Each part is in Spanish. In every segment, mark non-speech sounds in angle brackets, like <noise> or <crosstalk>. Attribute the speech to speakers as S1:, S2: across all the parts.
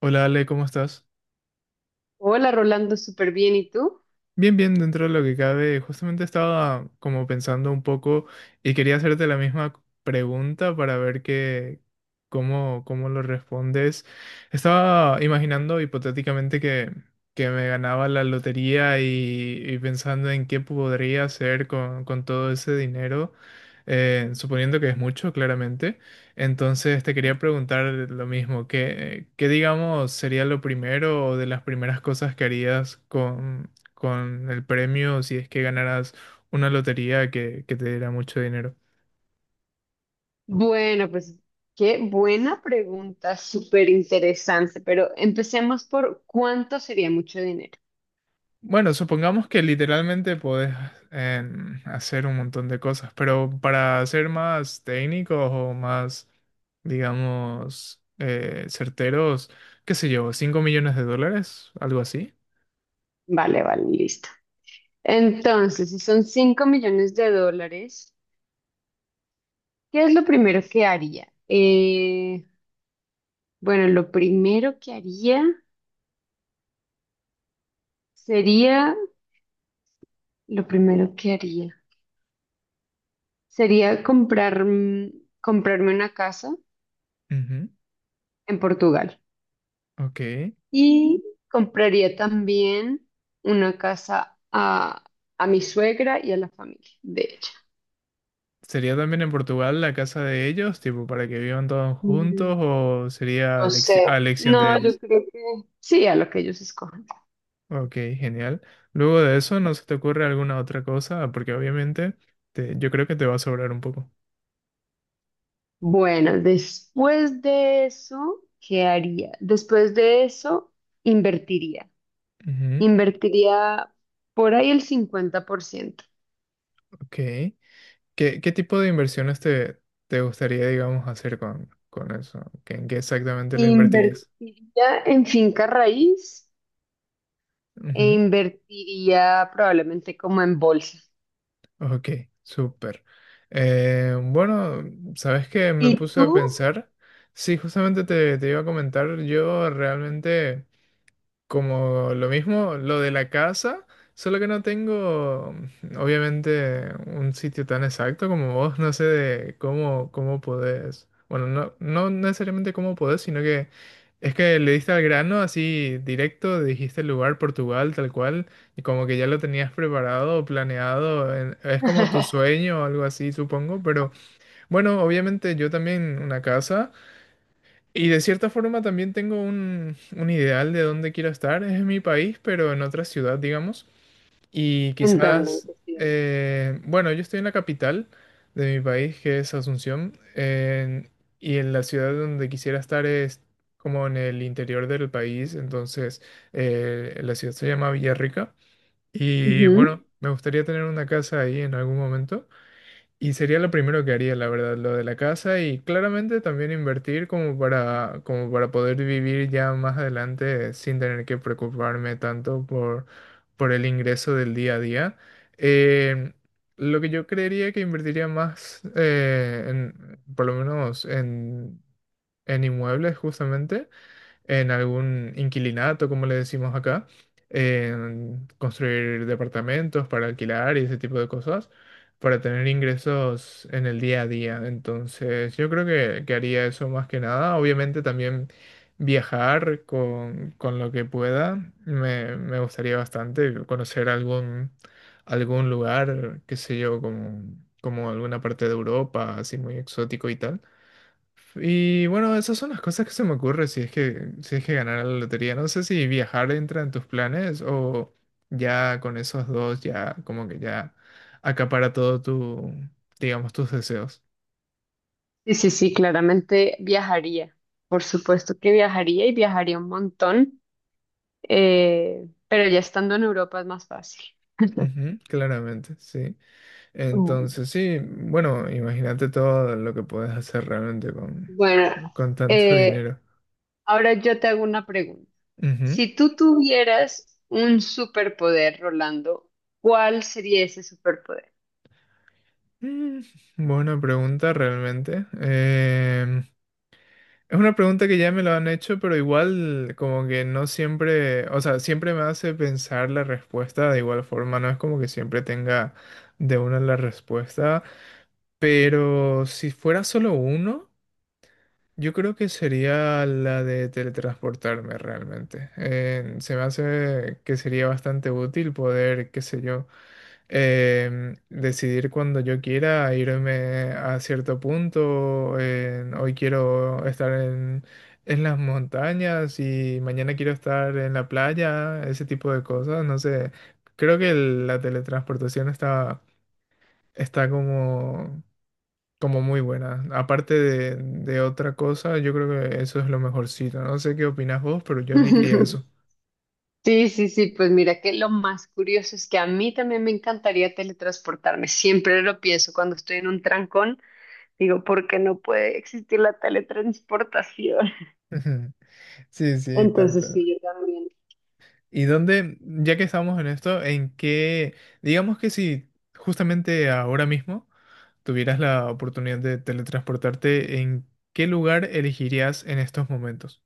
S1: Hola Ale, ¿cómo estás?
S2: Hola Rolando, súper bien. ¿Y tú?
S1: Bien, bien, dentro de lo que cabe, justamente estaba como pensando un poco y quería hacerte la misma pregunta para ver cómo lo respondes. Estaba imaginando hipotéticamente que me ganaba la lotería y pensando en qué podría hacer con todo ese dinero, suponiendo que es mucho, claramente. Entonces te quería preguntar lo mismo, ¿qué digamos sería lo primero o de las primeras cosas que harías con el premio si es que ganaras una lotería que te diera mucho dinero?
S2: Bueno, pues qué buena pregunta, súper interesante, pero empecemos por cuánto sería mucho dinero.
S1: Bueno, supongamos que literalmente podés hacer un montón de cosas, pero para ser más técnicos o más, digamos, certeros, qué sé yo, 5 millones de dólares, algo así.
S2: Vale, vale, listo. Entonces, si son $5 millones, ¿qué es lo primero que haría? Bueno, lo primero que haría sería, lo primero que haría sería comprar, comprarme una casa
S1: Ujú,
S2: en Portugal.
S1: ok.
S2: Y compraría también una casa a mi suegra y a la familia de ella.
S1: ¿Sería también en Portugal la casa de ellos, tipo, para que vivan todos juntos
S2: Mm,
S1: o sería
S2: no sé.
S1: a elección de
S2: No, yo
S1: ellos?
S2: creo que sí, a lo que ellos escojan.
S1: Ok, genial. Luego de eso, ¿no se te ocurre alguna otra cosa? Porque obviamente yo creo que te va a sobrar un poco.
S2: Bueno, después de eso, ¿qué haría? Después de eso, invertiría.
S1: Ujú,
S2: Invertiría por ahí el 50%.
S1: ok. ¿Qué tipo de inversiones te gustaría, digamos, hacer con eso? En qué exactamente lo invertirías?
S2: Invertiría en finca raíz e invertiría probablemente como en bolsa.
S1: Ujú, ok, súper. Bueno, ¿sabes qué? Me
S2: ¿Y
S1: puse a
S2: tú?
S1: pensar. Sí, justamente te iba a comentar, yo realmente... Como lo mismo, lo de la casa, solo que no tengo, obviamente, un sitio tan exacto como vos, no sé de cómo podés, bueno, no necesariamente cómo podés, sino que es que le diste al grano así directo, dijiste el lugar, Portugal, tal cual, y como que ya lo tenías preparado, planeado, es como tu
S2: <laughs>
S1: sueño o algo así, supongo, pero bueno, obviamente yo también una casa. Y de cierta forma también tengo un ideal de dónde quiero estar. Es en mi país, pero en otra ciudad, digamos. Y
S2: Entienden
S1: quizás,
S2: que sí.
S1: bueno, yo estoy en la capital de mi país, que es Asunción, y en la ciudad donde quisiera estar es como en el interior del país. Entonces, la ciudad se llama Villarrica. Y
S2: Ujú.
S1: bueno, me gustaría tener una casa ahí en algún momento. Y sería lo primero que haría, la verdad, lo de la casa y claramente también invertir como para, como para poder vivir ya más adelante sin tener que preocuparme tanto por el ingreso del día a día. Eh, lo que yo creería que invertiría más, por lo menos en inmuebles justamente, en algún inquilinato, como le decimos acá, en construir departamentos para alquilar y ese tipo de cosas, para tener ingresos en el día a día. Entonces, yo creo que haría eso más que nada. Obviamente también viajar con lo que pueda, me gustaría bastante conocer algún, algún lugar, qué sé yo, como, como alguna parte de Europa, así muy exótico y tal. Y bueno, esas son las cosas que se me ocurre si es si es que ganara la lotería. No sé si viajar entra en tus planes o ya con esos dos ya como que ya acapara todo tu, digamos, tus deseos.
S2: Sí, sí, sí, claramente viajaría. Por supuesto que viajaría y viajaría un montón, pero ya estando en Europa es más fácil.
S1: Ujú, claramente, sí.
S2: Mm.
S1: Entonces, sí, bueno, imagínate todo lo que puedes hacer realmente
S2: Bueno,
S1: con tanto <laughs>
S2: eh,
S1: dinero.
S2: ahora yo te hago una pregunta.
S1: Ujú.
S2: Si tú tuvieras un superpoder, Rolando, ¿cuál sería ese superpoder?
S1: Mm, buena pregunta realmente. Es una pregunta que ya me lo han hecho, pero igual como que no siempre, o sea, siempre me hace pensar la respuesta de igual forma, no es como que siempre tenga de una la respuesta, pero si fuera solo uno, yo creo que sería la de teletransportarme realmente. Se me hace que sería bastante útil poder, qué sé yo, decidir cuando yo quiera irme a cierto punto. Hoy quiero estar en las montañas y mañana quiero estar en la playa, ese tipo de cosas. No sé, creo que la teletransportación está, está como, como muy buena. Aparte de otra cosa, yo creo que eso es lo mejorcito. No sé qué opinas vos, pero yo elegiría
S2: <laughs>
S1: eso.
S2: Sí, sí, sí, pues mira que lo más curioso es que a mí también me encantaría teletransportarme. Siempre lo pienso cuando estoy en un trancón. Digo, porque no puede existir la teletransportación. <laughs>
S1: <laughs> Sí, sí,
S2: Entonces,
S1: tanto.
S2: sí, yo también.
S1: ¿Y dónde, ya que estamos en esto, en qué, digamos que si justamente ahora mismo tuvieras la oportunidad de teletransportarte, en qué lugar elegirías en estos momentos?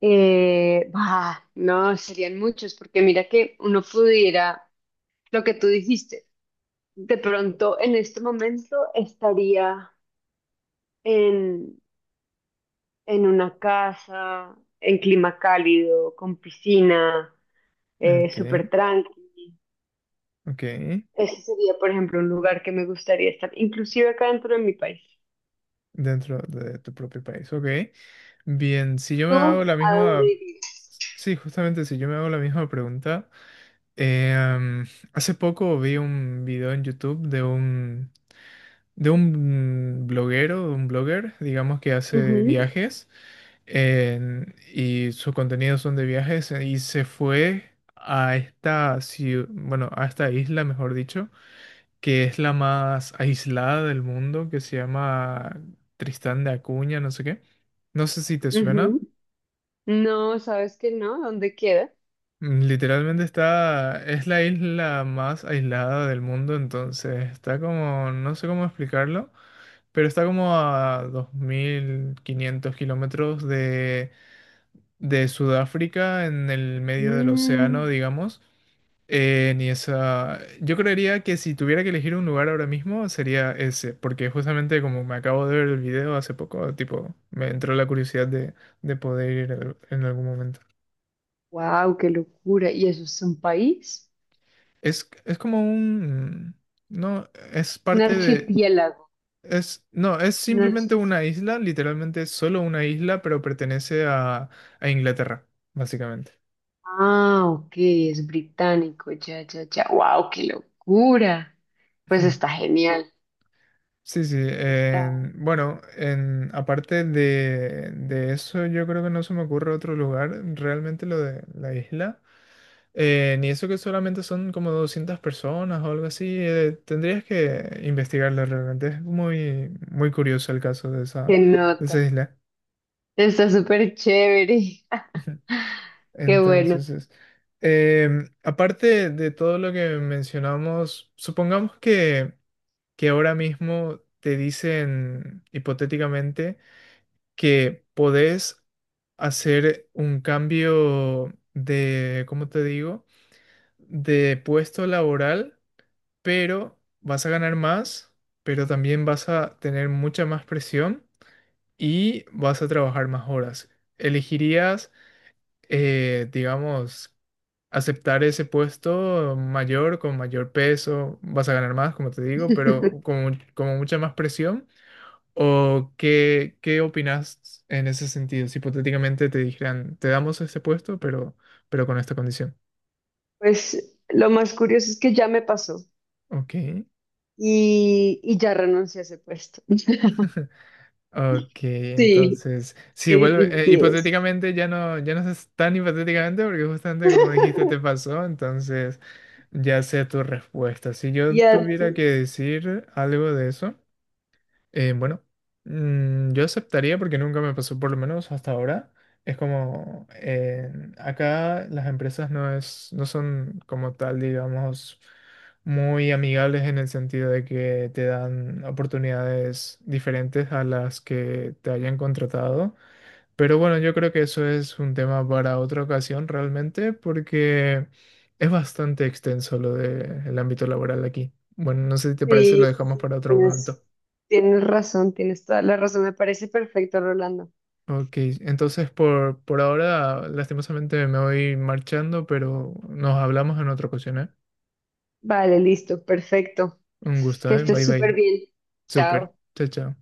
S2: Bah, no, serían muchos, porque mira que uno pudiera, lo que tú dijiste, de pronto en este momento estaría en, en una casa, en clima cálido, con piscina,
S1: Ok,
S2: súper tranqui.
S1: ok,
S2: Ese sería, por ejemplo, un lugar que me gustaría estar, inclusive acá dentro de mi país.
S1: dentro de tu propio país, ok. Bien, si yo me hago
S2: ¿Tú
S1: la
S2: a dónde
S1: misma,
S2: irías?
S1: sí, justamente si yo me hago la misma pregunta, eh, em, hace poco vi un video en YouTube de un bloguero, un blogger, digamos que hace
S2: Ujú,
S1: viajes. Y sus contenidos son de viajes, y se fue a bueno, a esta isla, mejor dicho, que es la más aislada del mundo, que se llama Tristán de Acuña, no sé qué. No sé si te suena.
S2: ujú. No, ¿sabes que no? ¿Dónde queda?
S1: Literalmente está, es la isla más aislada del mundo, entonces está como, no sé cómo explicarlo, pero está como a 2.500 kilómetros de Sudáfrica en el medio del océano,
S2: Mm,
S1: digamos. Ni esa. Yo creería que si tuviera que elegir un lugar ahora mismo sería ese, porque justamente como me acabo de ver el video hace poco, tipo, me entró la curiosidad de poder ir en algún momento.
S2: wow, qué locura. ¿Y eso es un país?
S1: Es como un... No, es
S2: Es un
S1: parte de...
S2: archipiélago.
S1: Es, no, es
S2: un archi-
S1: simplemente una isla, literalmente solo una isla, pero pertenece a Inglaterra, básicamente.
S2: Ah, ok, es británico. Ya, ya, ya. Wow, qué locura. Pues está
S1: <laughs>
S2: genial.
S1: Sí, sí.
S2: Está,
S1: Bueno, en, aparte de eso, yo creo que no se me ocurre otro lugar, realmente lo de la isla. Ni eso que solamente son como 200 personas o algo así. Tendrías que investigarlo realmente. Es muy, muy curioso el caso
S2: qué
S1: de esa
S2: nota.
S1: isla.
S2: Está súper chévere.
S1: <laughs>
S2: <laughs> Qué bueno.
S1: Entonces, aparte de todo lo que mencionamos, supongamos que ahora mismo te dicen hipotéticamente que podés hacer un cambio de, ¿cómo te digo? De puesto laboral, pero vas a ganar más, pero también vas a tener mucha más presión y vas a trabajar más horas. ¿Elegirías, digamos, aceptar ese puesto mayor, con mayor peso? Vas a ganar más, como te digo, pero
S2: <laughs>
S1: con mucha más presión. ¿O qué opinas en ese sentido? Si hipotéticamente te dijeran, te damos ese puesto, pero con esta condición.
S2: Pues lo más curioso es que ya me pasó
S1: Ok,
S2: y ya renuncié a ese puesto. <laughs>
S1: ok,
S2: Sí,
S1: entonces, si
S2: sí,
S1: vuelve,
S2: sí, sí es.
S1: hipotéticamente ya ya no es tan hipotéticamente porque justamente como dijiste te
S2: <laughs>
S1: pasó, entonces ya sé tu respuesta. Si yo
S2: Ya,
S1: tuviera que
S2: sí,
S1: decir algo de eso, bueno, yo aceptaría porque nunca me pasó, por lo menos hasta ahora. Es como, acá las empresas no son como tal, digamos, muy amigables en el sentido de que te dan oportunidades diferentes a las que te hayan contratado. Pero bueno, yo creo que eso es un tema para otra ocasión realmente porque es bastante extenso lo del ámbito laboral aquí. Bueno, no sé si te parece, lo
S2: sí, sí,
S1: dejamos
S2: sí,
S1: para otro momento.
S2: tienes, tienes razón, tienes toda la razón. Me parece perfecto, Rolando.
S1: Ok, entonces por ahora lastimosamente me voy marchando, pero nos hablamos en otra ocasión, ¿eh?
S2: Vale, listo, perfecto.
S1: Un gusto,
S2: Que
S1: ¿eh?
S2: estés
S1: Bye
S2: súper
S1: bye.
S2: bien.
S1: Súper.
S2: Chao.
S1: Chao, chao.